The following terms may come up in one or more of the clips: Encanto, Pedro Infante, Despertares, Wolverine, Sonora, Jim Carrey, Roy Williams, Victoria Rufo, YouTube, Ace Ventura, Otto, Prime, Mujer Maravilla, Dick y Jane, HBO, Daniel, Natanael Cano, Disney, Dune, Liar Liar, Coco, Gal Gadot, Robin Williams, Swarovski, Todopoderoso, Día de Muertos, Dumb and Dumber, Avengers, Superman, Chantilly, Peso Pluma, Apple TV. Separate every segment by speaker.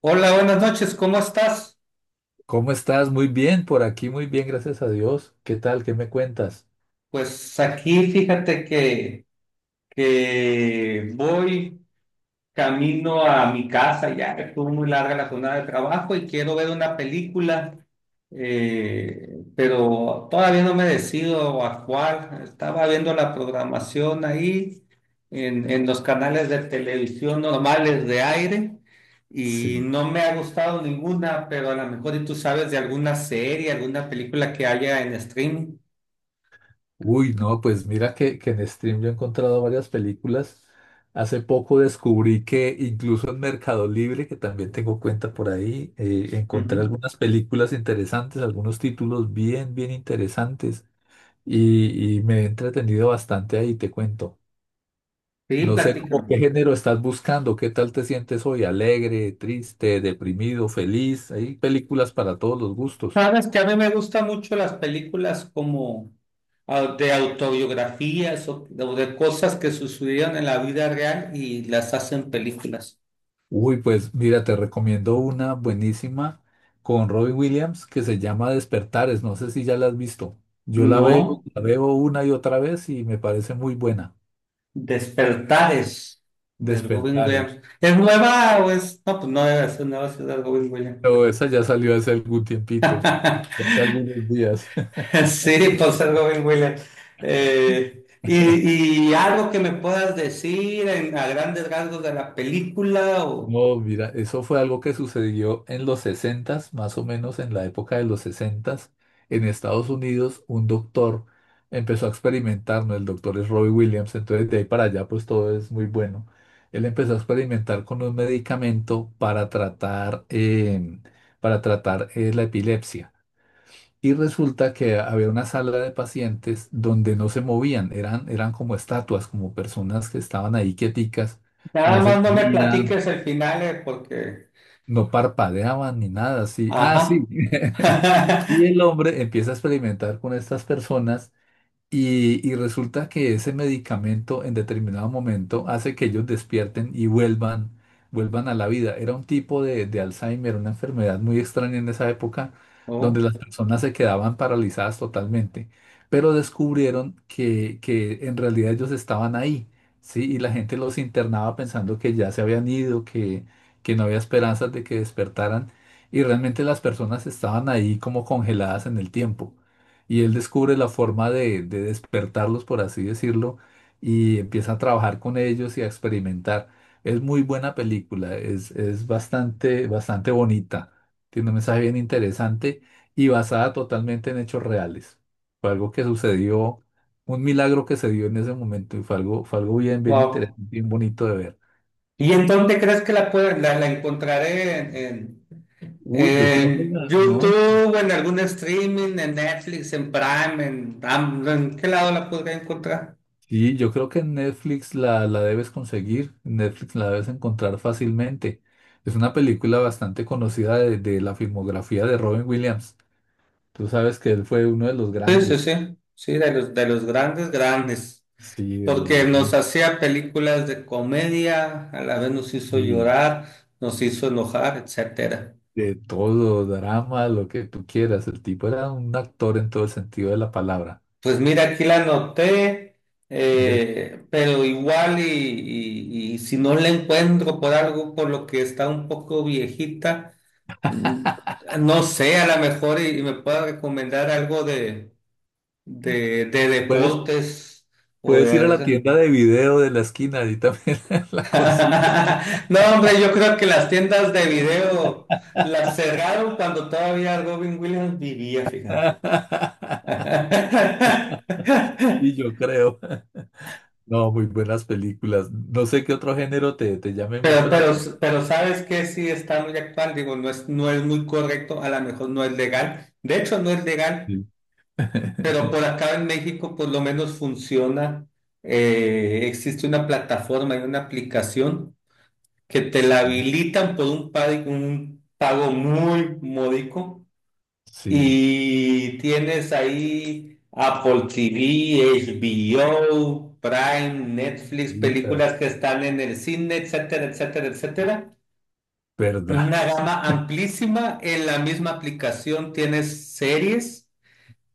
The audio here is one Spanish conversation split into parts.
Speaker 1: Hola, buenas noches, ¿cómo estás?
Speaker 2: ¿Cómo estás? Muy bien, por aquí muy bien, gracias a Dios. ¿Qué tal? ¿Qué me cuentas?
Speaker 1: Pues aquí fíjate que voy camino a mi casa, ya que estuvo muy larga la jornada de trabajo y quiero ver una película, pero todavía no me decido a cuál. Estaba viendo la programación ahí en los canales de televisión normales de aire y
Speaker 2: Sí.
Speaker 1: no me ha gustado ninguna, pero a lo mejor y tú sabes de alguna serie, alguna película que haya en streaming.
Speaker 2: Uy, no, pues mira que en Stream yo he encontrado varias películas. Hace poco descubrí que incluso en Mercado Libre, que también tengo cuenta por ahí, encontré
Speaker 1: Ujú.
Speaker 2: algunas películas interesantes, algunos títulos bien, bien interesantes y me he entretenido bastante ahí, te cuento.
Speaker 1: Sí,
Speaker 2: No sé cómo
Speaker 1: platícame.
Speaker 2: qué género estás buscando, qué tal te sientes hoy, alegre, triste, deprimido, feliz. Hay películas para todos los gustos.
Speaker 1: Sabes que a mí me gustan mucho las películas como de autobiografías o de cosas que sucedieron en la vida real y las hacen películas.
Speaker 2: Uy, pues mira, te recomiendo una buenísima con Robin Williams que se llama Despertares. No sé si ya la has visto. Yo la veo,
Speaker 1: No,
Speaker 2: la veo una y otra vez y me parece muy buena.
Speaker 1: Despertares del Robin
Speaker 2: Despertares.
Speaker 1: Williams. ¿Es nueva o es? No, pues no debe ser nueva, si es del Robin Williams.
Speaker 2: Pero esa ya salió hace algún tiempito, hace algunos días.
Speaker 1: Sí, pues el Robin Williams. Eh, y, y algo que me puedas decir en- a grandes rasgos de la película o...
Speaker 2: No, mira, eso fue algo que sucedió en los sesentas más o menos en la época de los sesentas en Estados Unidos, un doctor empezó a experimentar, ¿no? El doctor es Robbie Williams, entonces de ahí para allá pues todo es muy bueno. Él empezó a experimentar con un medicamento para tratar, la epilepsia. Y resulta que había una sala de pacientes donde no se movían, eran como estatuas, como personas que estaban ahí quieticas no
Speaker 1: Nada
Speaker 2: se
Speaker 1: más no me
Speaker 2: movían,
Speaker 1: platiques el final, porque...
Speaker 2: no parpadeaban ni nada, sí. Ah, sí.
Speaker 1: Ajá.
Speaker 2: Y el hombre empieza a experimentar con estas personas y resulta que ese medicamento en determinado momento hace que ellos despierten y vuelvan a la vida. Era un tipo de Alzheimer, una enfermedad muy extraña en esa época, donde
Speaker 1: Oh,
Speaker 2: las personas se quedaban paralizadas totalmente. Pero descubrieron que en realidad ellos estaban ahí, ¿sí? Y la gente los internaba pensando que ya se habían ido, que no había esperanzas de que despertaran. Y realmente las personas estaban ahí como congeladas en el tiempo y él descubre la forma de despertarlos, por así decirlo, y empieza a trabajar con ellos y a experimentar. Es muy buena película, es bastante, bastante bonita, tiene un mensaje bien interesante y basada totalmente en hechos reales. Fue algo que sucedió, un milagro que se dio en ese momento y fue algo bien, bien
Speaker 1: wow.
Speaker 2: interesante, bien bonito de ver.
Speaker 1: ¿Y en dónde crees que la, puede- la encontraré? ¿
Speaker 2: Uy, yo creo que
Speaker 1: En
Speaker 2: no.
Speaker 1: YouTube, en algún streaming, en Netflix, en Prime, en, Am- ¿en qué lado la podría encontrar?
Speaker 2: Y yo creo que en Netflix la debes conseguir, en Netflix la debes encontrar fácilmente. Es una película bastante conocida de la filmografía de Robin Williams. Tú sabes que él fue uno de los
Speaker 1: Sí, sí,
Speaker 2: grandes,
Speaker 1: sí. Sí, de los grandes, grandes.
Speaker 2: sí, de los
Speaker 1: Porque nos
Speaker 2: grandes,
Speaker 1: hacía películas de comedia, a la vez nos hizo
Speaker 2: y
Speaker 1: llorar, nos hizo enojar, etcétera.
Speaker 2: de todo, drama, lo que tú quieras. El tipo era un actor en todo el sentido de la palabra.
Speaker 1: Pues mira, aquí la anoté,
Speaker 2: Después
Speaker 1: pero igual y si no la encuentro por algo por lo que está un poco viejita, mm, no sé, a lo mejor y me pueda recomendar algo de deportes o
Speaker 2: puedes ir a la
Speaker 1: de...
Speaker 2: tienda de video de la esquina y también la consigues.
Speaker 1: No, hombre, yo creo que las tiendas de video las cerraron cuando todavía Robin Williams vivía, fíjate.
Speaker 2: Y yo creo. No, muy buenas películas. No sé qué otro género te llame
Speaker 1: Pero,
Speaker 2: mucho la
Speaker 1: pero,
Speaker 2: atención.
Speaker 1: pero sabes que sí está muy actual, digo, no es muy correcto, a lo mejor no es legal, de hecho no es legal, pero por acá en México por lo menos funciona, existe una plataforma y una aplicación que te la
Speaker 2: Sí,
Speaker 1: habilitan por un pago muy módico
Speaker 2: sí.
Speaker 1: y tienes ahí Apple TV, HBO, Prime, Netflix,
Speaker 2: Sí,
Speaker 1: películas que están en el cine, etcétera, etcétera, etcétera
Speaker 2: ¿verdad?
Speaker 1: una gama amplísima. En la misma aplicación tienes series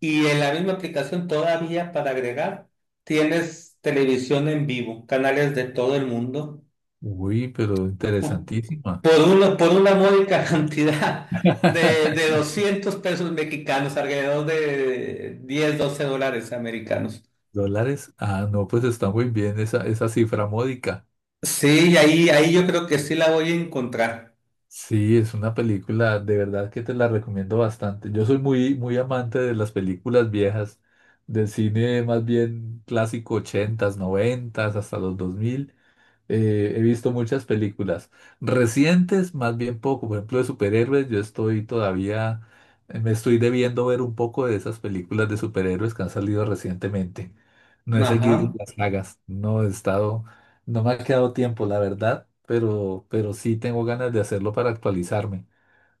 Speaker 1: y en la misma aplicación todavía para agregar tienes televisión en vivo, canales de todo el mundo.
Speaker 2: Uy, pero
Speaker 1: Po-
Speaker 2: interesantísima.
Speaker 1: Por una módica cantidad de 200 pesos mexicanos, alrededor de 10 12 dólares americanos.
Speaker 2: ¿Dólares? Ah, no, pues está muy bien esa cifra módica.
Speaker 1: Sí, ahí yo creo que sí la voy a encontrar.
Speaker 2: Sí, es una película de verdad que te la recomiendo bastante. Yo soy muy, muy amante de las películas viejas, del cine más bien clásico 80s, 90s, hasta los 2000. He visto muchas películas recientes, más bien poco, por ejemplo, de superhéroes. Yo estoy todavía, me estoy debiendo ver un poco de esas películas de superhéroes que han salido recientemente. No he seguido
Speaker 1: Ajá.
Speaker 2: las sagas, no he estado, no me ha quedado tiempo, la verdad, pero sí tengo ganas de hacerlo para actualizarme,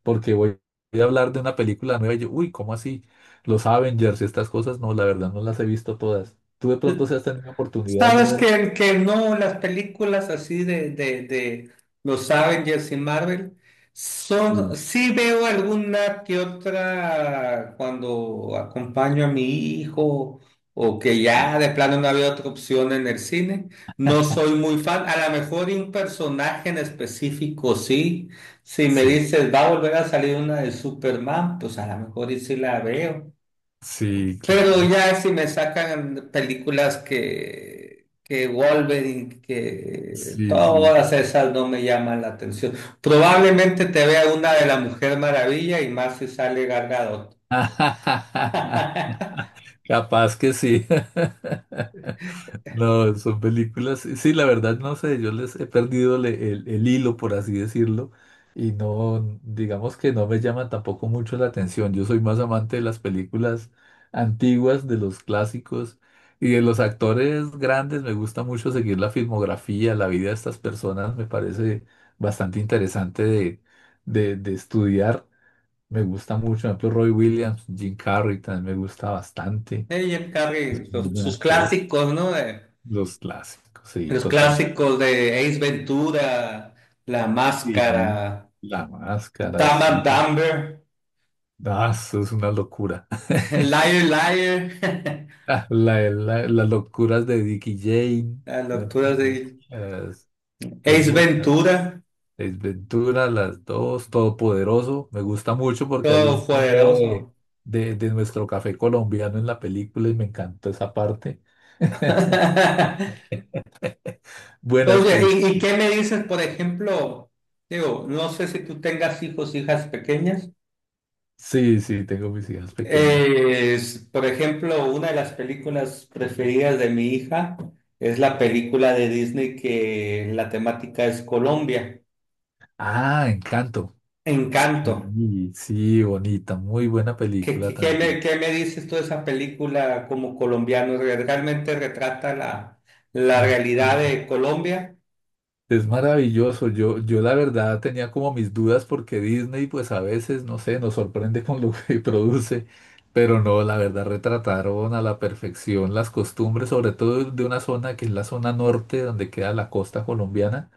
Speaker 2: porque voy a hablar de una película nueva y yo, uy, ¿cómo así? Los Avengers y estas cosas, no, la verdad no las he visto todas. ¿Tú de pronto si has tenido oportunidad de
Speaker 1: Sabes
Speaker 2: ver?
Speaker 1: que no, las películas así de los Avengers y Marvel son,
Speaker 2: Sí,
Speaker 1: sí veo alguna que otra cuando acompaño a mi hijo o que
Speaker 2: sí.
Speaker 1: ya de plano no había otra opción en el cine. No soy muy fan, a lo mejor de un personaje en específico, sí. Si me
Speaker 2: Sí.
Speaker 1: dices, va a volver a salir una de Superman, pues a lo mejor y sí la veo.
Speaker 2: Sí,
Speaker 1: Pero
Speaker 2: claro.
Speaker 1: ya si me sacan películas que Wolverine, que
Speaker 2: Sí, sí.
Speaker 1: todas esas no me llaman la atención. Probablemente te vea una de la Mujer Maravilla y más si sale Gal Gadot.
Speaker 2: Capaz que sí. No, son películas. Sí, la verdad no sé, yo les he perdido el hilo, por así decirlo, y no, digamos que no me llaman tampoco mucho la atención. Yo soy más amante de las películas antiguas, de los clásicos y de los actores grandes. Me gusta mucho seguir la filmografía, la vida de estas personas, me parece bastante interesante de estudiar. Me gusta mucho, por ejemplo, Roy Williams, Jim Carrey también me gusta bastante.
Speaker 1: Jim
Speaker 2: Es
Speaker 1: Carrey,
Speaker 2: muy
Speaker 1: los-
Speaker 2: buen
Speaker 1: sus
Speaker 2: actor.
Speaker 1: clásicos, ¿no? De-
Speaker 2: Los clásicos, sí,
Speaker 1: los
Speaker 2: total.
Speaker 1: clásicos de Ace Ventura, La
Speaker 2: Y
Speaker 1: Máscara,
Speaker 2: La Máscara,
Speaker 1: Dumb
Speaker 2: sí.
Speaker 1: and Dumber,
Speaker 2: Ah, eso es una locura.
Speaker 1: Liar Liar,
Speaker 2: Ah, las locuras de Dick y Jane.
Speaker 1: las
Speaker 2: Hay
Speaker 1: locuras de
Speaker 2: muchas, hay
Speaker 1: Ace
Speaker 2: muchas.
Speaker 1: Ventura,
Speaker 2: Ace Ventura, las dos, Todopoderoso. Me gusta mucho porque hay un
Speaker 1: todo
Speaker 2: cameo de,
Speaker 1: poderoso.
Speaker 2: de, de nuestro café colombiano en la película y me encantó esa parte. Buenas
Speaker 1: Oye,
Speaker 2: películas.
Speaker 1: ¿y qué me dices, por ejemplo? Digo, no sé si tú tengas hijos, hijas pequeñas.
Speaker 2: Sí, sí, tengo mis hijas pequeñas.
Speaker 1: Por ejemplo, una de las películas preferidas de mi hija es la película de Disney que la temática es Colombia,
Speaker 2: Ah, Encanto.
Speaker 1: Encanto.
Speaker 2: Sí, sí, bonita, muy buena
Speaker 1: ¿Qué,
Speaker 2: película
Speaker 1: qué- qué me,
Speaker 2: también.
Speaker 1: Qué me dices tú de esa película como colombiano? ¿Realmente retrata la
Speaker 2: Mm,
Speaker 1: realidad
Speaker 2: mm,
Speaker 1: de Colombia?
Speaker 2: es maravilloso. Yo la verdad tenía como mis dudas porque Disney, pues a veces, no sé, nos sorprende con lo que produce, pero no, la verdad retrataron a la perfección las costumbres, sobre todo de una zona que es la zona norte, donde queda la costa colombiana.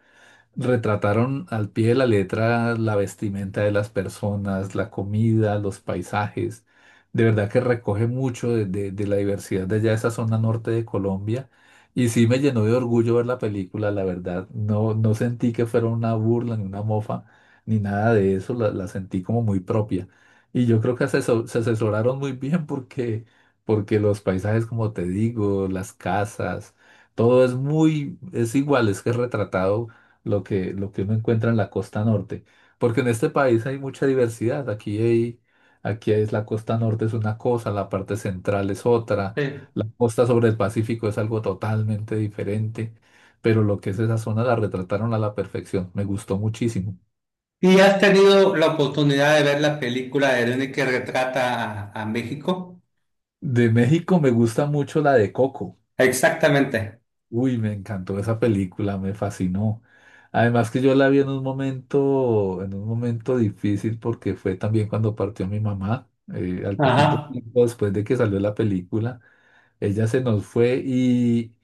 Speaker 2: Retrataron al pie de la letra la vestimenta de las personas, la comida, los paisajes. De verdad que recoge mucho de la diversidad de allá, esa zona norte de Colombia. Y sí me llenó de orgullo ver la película, la verdad. No, no sentí que fuera una burla ni una mofa, ni nada de eso. La sentí como muy propia. Y yo creo que se asesoraron muy bien porque, porque los paisajes, como te digo, las casas, todo es muy, es igual, es que es retratado lo que uno encuentra en la costa norte. Porque en este país hay mucha diversidad. Aquí es la costa norte es una cosa, la parte central es otra,
Speaker 1: Sí.
Speaker 2: la costa sobre el Pacífico es algo totalmente diferente. Pero lo que es esa zona la retrataron a la perfección. Me gustó muchísimo.
Speaker 1: ¿Y has tenido la oportunidad de ver la película de Dune que retrata a México?
Speaker 2: De México me gusta mucho la de Coco.
Speaker 1: Exactamente.
Speaker 2: Uy, me encantó esa película, me fascinó. Además que yo la vi en un momento, difícil porque fue también cuando partió mi mamá, al poquito
Speaker 1: Ajá.
Speaker 2: tiempo después de que salió la película. Ella se nos fue y,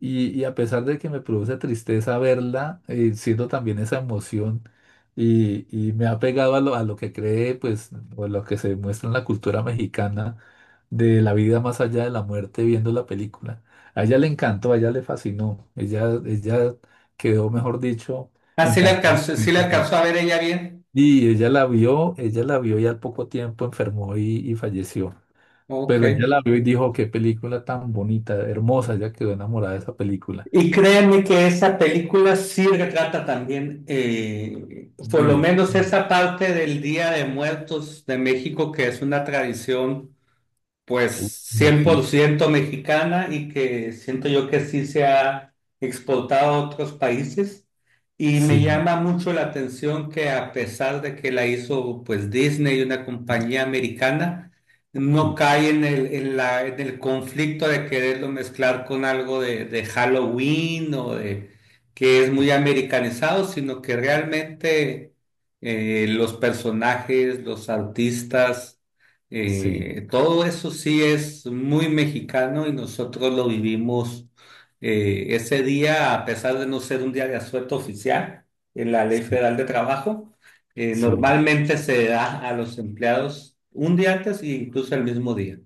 Speaker 2: y, y a pesar de que me produce tristeza verla, siento también esa emoción y me ha pegado a lo que cree, pues, o lo que se muestra en la cultura mexicana de la vida más allá de la muerte viendo la película. A ella le encantó, a ella le fascinó, ella quedó, mejor dicho,
Speaker 1: Ah,
Speaker 2: encantada con
Speaker 1: sí la
Speaker 2: esta
Speaker 1: alcanzó
Speaker 2: película.
Speaker 1: a ver ella bien.
Speaker 2: Y ella la vio y al poco tiempo enfermó y falleció.
Speaker 1: Ok.
Speaker 2: Pero ella la vio y dijo, qué película tan bonita, hermosa, ella quedó enamorada de esa película.
Speaker 1: Y créanme que esa película sí retrata también, por
Speaker 2: Uy,
Speaker 1: lo menos esa parte del Día de Muertos de México, que es una tradición,
Speaker 2: uy,
Speaker 1: pues
Speaker 2: como
Speaker 1: cien por
Speaker 2: sí,
Speaker 1: ciento mexicana y que siento yo que sí se ha exportado a otros países. Y me
Speaker 2: sí,
Speaker 1: llama mucho la atención que a pesar de que la hizo pues Disney, una compañía americana, no
Speaker 2: sí,
Speaker 1: cae en el conflicto de quererlo mezclar con algo de Halloween o de que es
Speaker 2: sí,
Speaker 1: muy americanizado, sino que realmente los personajes, los artistas,
Speaker 2: sí,
Speaker 1: todo eso sí es muy mexicano y nosotros lo vivimos ese día, a pesar de no ser un día de asueto oficial en la Ley
Speaker 2: sí,
Speaker 1: Federal de Trabajo,
Speaker 2: sí.
Speaker 1: normalmente se da a los empleados un día antes e incluso el mismo día.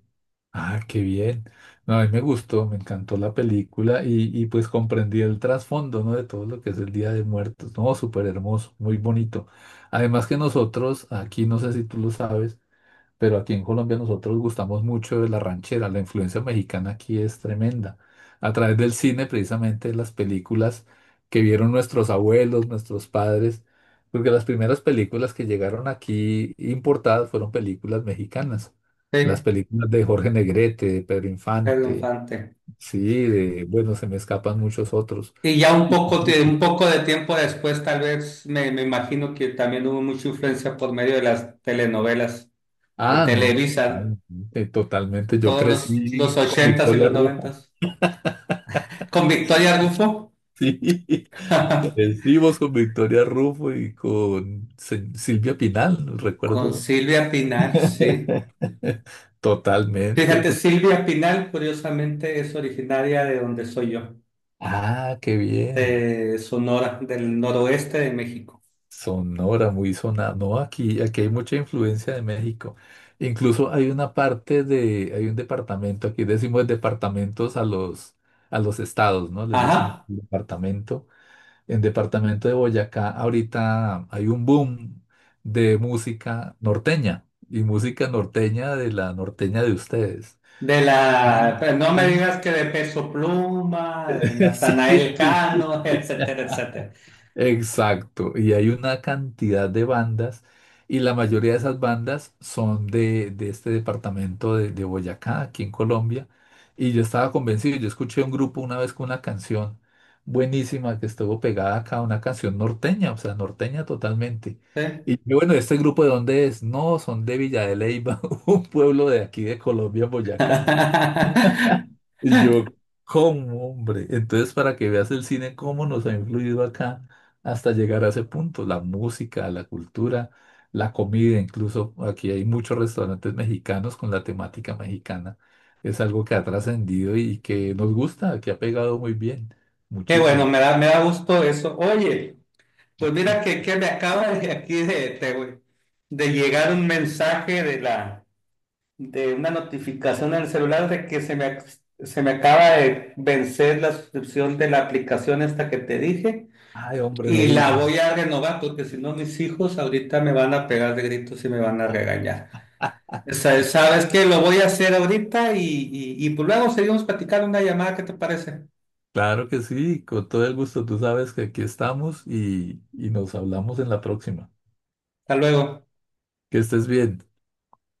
Speaker 2: Ah, qué bien. No, a mí me gustó, me encantó la película y pues comprendí el trasfondo, ¿no? De todo lo que es el Día de Muertos, ¿no? Súper hermoso, muy bonito. Además que nosotros, aquí no sé si tú lo sabes, pero aquí en Colombia nosotros gustamos mucho de la ranchera, la influencia mexicana aquí es tremenda. A través del cine, precisamente las películas que vieron nuestros abuelos, nuestros padres, porque las primeras películas que llegaron aquí importadas fueron películas mexicanas. Las
Speaker 1: Sí,
Speaker 2: películas de Jorge Negrete, de Pedro
Speaker 1: Pedro
Speaker 2: Infante,
Speaker 1: Infante.
Speaker 2: sí, de, bueno, se me escapan muchos otros.
Speaker 1: Y ya un
Speaker 2: Música.
Speaker 1: poco de tiempo después, tal vez me imagino que también hubo mucha influencia por medio de las telenovelas de
Speaker 2: Ah, no,
Speaker 1: Televisa,
Speaker 2: totalmente, totalmente. Yo
Speaker 1: todos los
Speaker 2: crecí con
Speaker 1: 80s y
Speaker 2: Victoria
Speaker 1: los
Speaker 2: Rufo.
Speaker 1: 90s. Con Victoria Rufo,
Speaker 2: Sí, que vencimos con Victoria Rufo y con Silvia Pinal,
Speaker 1: con
Speaker 2: recuerdo
Speaker 1: Silvia Pinal, sí.
Speaker 2: totalmente,
Speaker 1: Fíjate,
Speaker 2: pues.
Speaker 1: Silvia Pinal, curiosamente, es originaria de donde soy yo,
Speaker 2: Ah, qué bien.
Speaker 1: de Sonora, del noroeste de México.
Speaker 2: Sonora, muy sonada. No, aquí hay mucha influencia de México. Incluso hay una parte de, hay un departamento, aquí decimos departamentos a los estados, ¿no? Les decimos
Speaker 1: Ajá,
Speaker 2: departamento. En departamento de Boyacá, ahorita hay un boom de música norteña y música norteña de la norteña de ustedes.
Speaker 1: de
Speaker 2: Mm.
Speaker 1: la, pero no me
Speaker 2: Ah,
Speaker 1: digas que de Peso Pluma, de Natanael
Speaker 2: sí.
Speaker 1: Cano, etcétera, etcétera.
Speaker 2: Exacto, y hay una cantidad de bandas y la mayoría de esas bandas son de este departamento de Boyacá, aquí en Colombia, y yo estaba convencido, yo escuché un grupo una vez con una canción buenísima que estuvo pegada acá, una canción norteña, o sea, norteña totalmente.
Speaker 1: Sí.
Speaker 2: Y yo, bueno, ¿este grupo de dónde es? No, son de Villa de Leyva, un pueblo de aquí de Colombia, Boyacá. Y yo, ¿cómo, hombre? Entonces, para que veas el cine, cómo nos ha influido acá hasta llegar a ese punto, la música, la cultura, la comida, incluso aquí hay muchos restaurantes mexicanos con la temática mexicana. Es algo que ha trascendido y que nos gusta, que ha pegado muy bien,
Speaker 1: Qué bueno,
Speaker 2: muchísimo.
Speaker 1: me da gusto eso. Oye, pues mira que me acaba de aquí de llegar un mensaje de la de una notificación en el celular de que se me, ac- se me acaba de vencer la suscripción de la aplicación esta que te dije
Speaker 2: Ay, hombre, no
Speaker 1: y la
Speaker 2: digan.
Speaker 1: voy a renovar porque si no mis hijos ahorita me van a pegar de gritos y me van a regañar. O sea, sabes que lo voy a hacer ahorita y pues luego seguimos platicando una llamada, ¿qué te parece?
Speaker 2: Claro que sí, con todo el gusto, tú sabes que aquí estamos y nos hablamos en la próxima.
Speaker 1: Hasta luego.
Speaker 2: Que estés bien.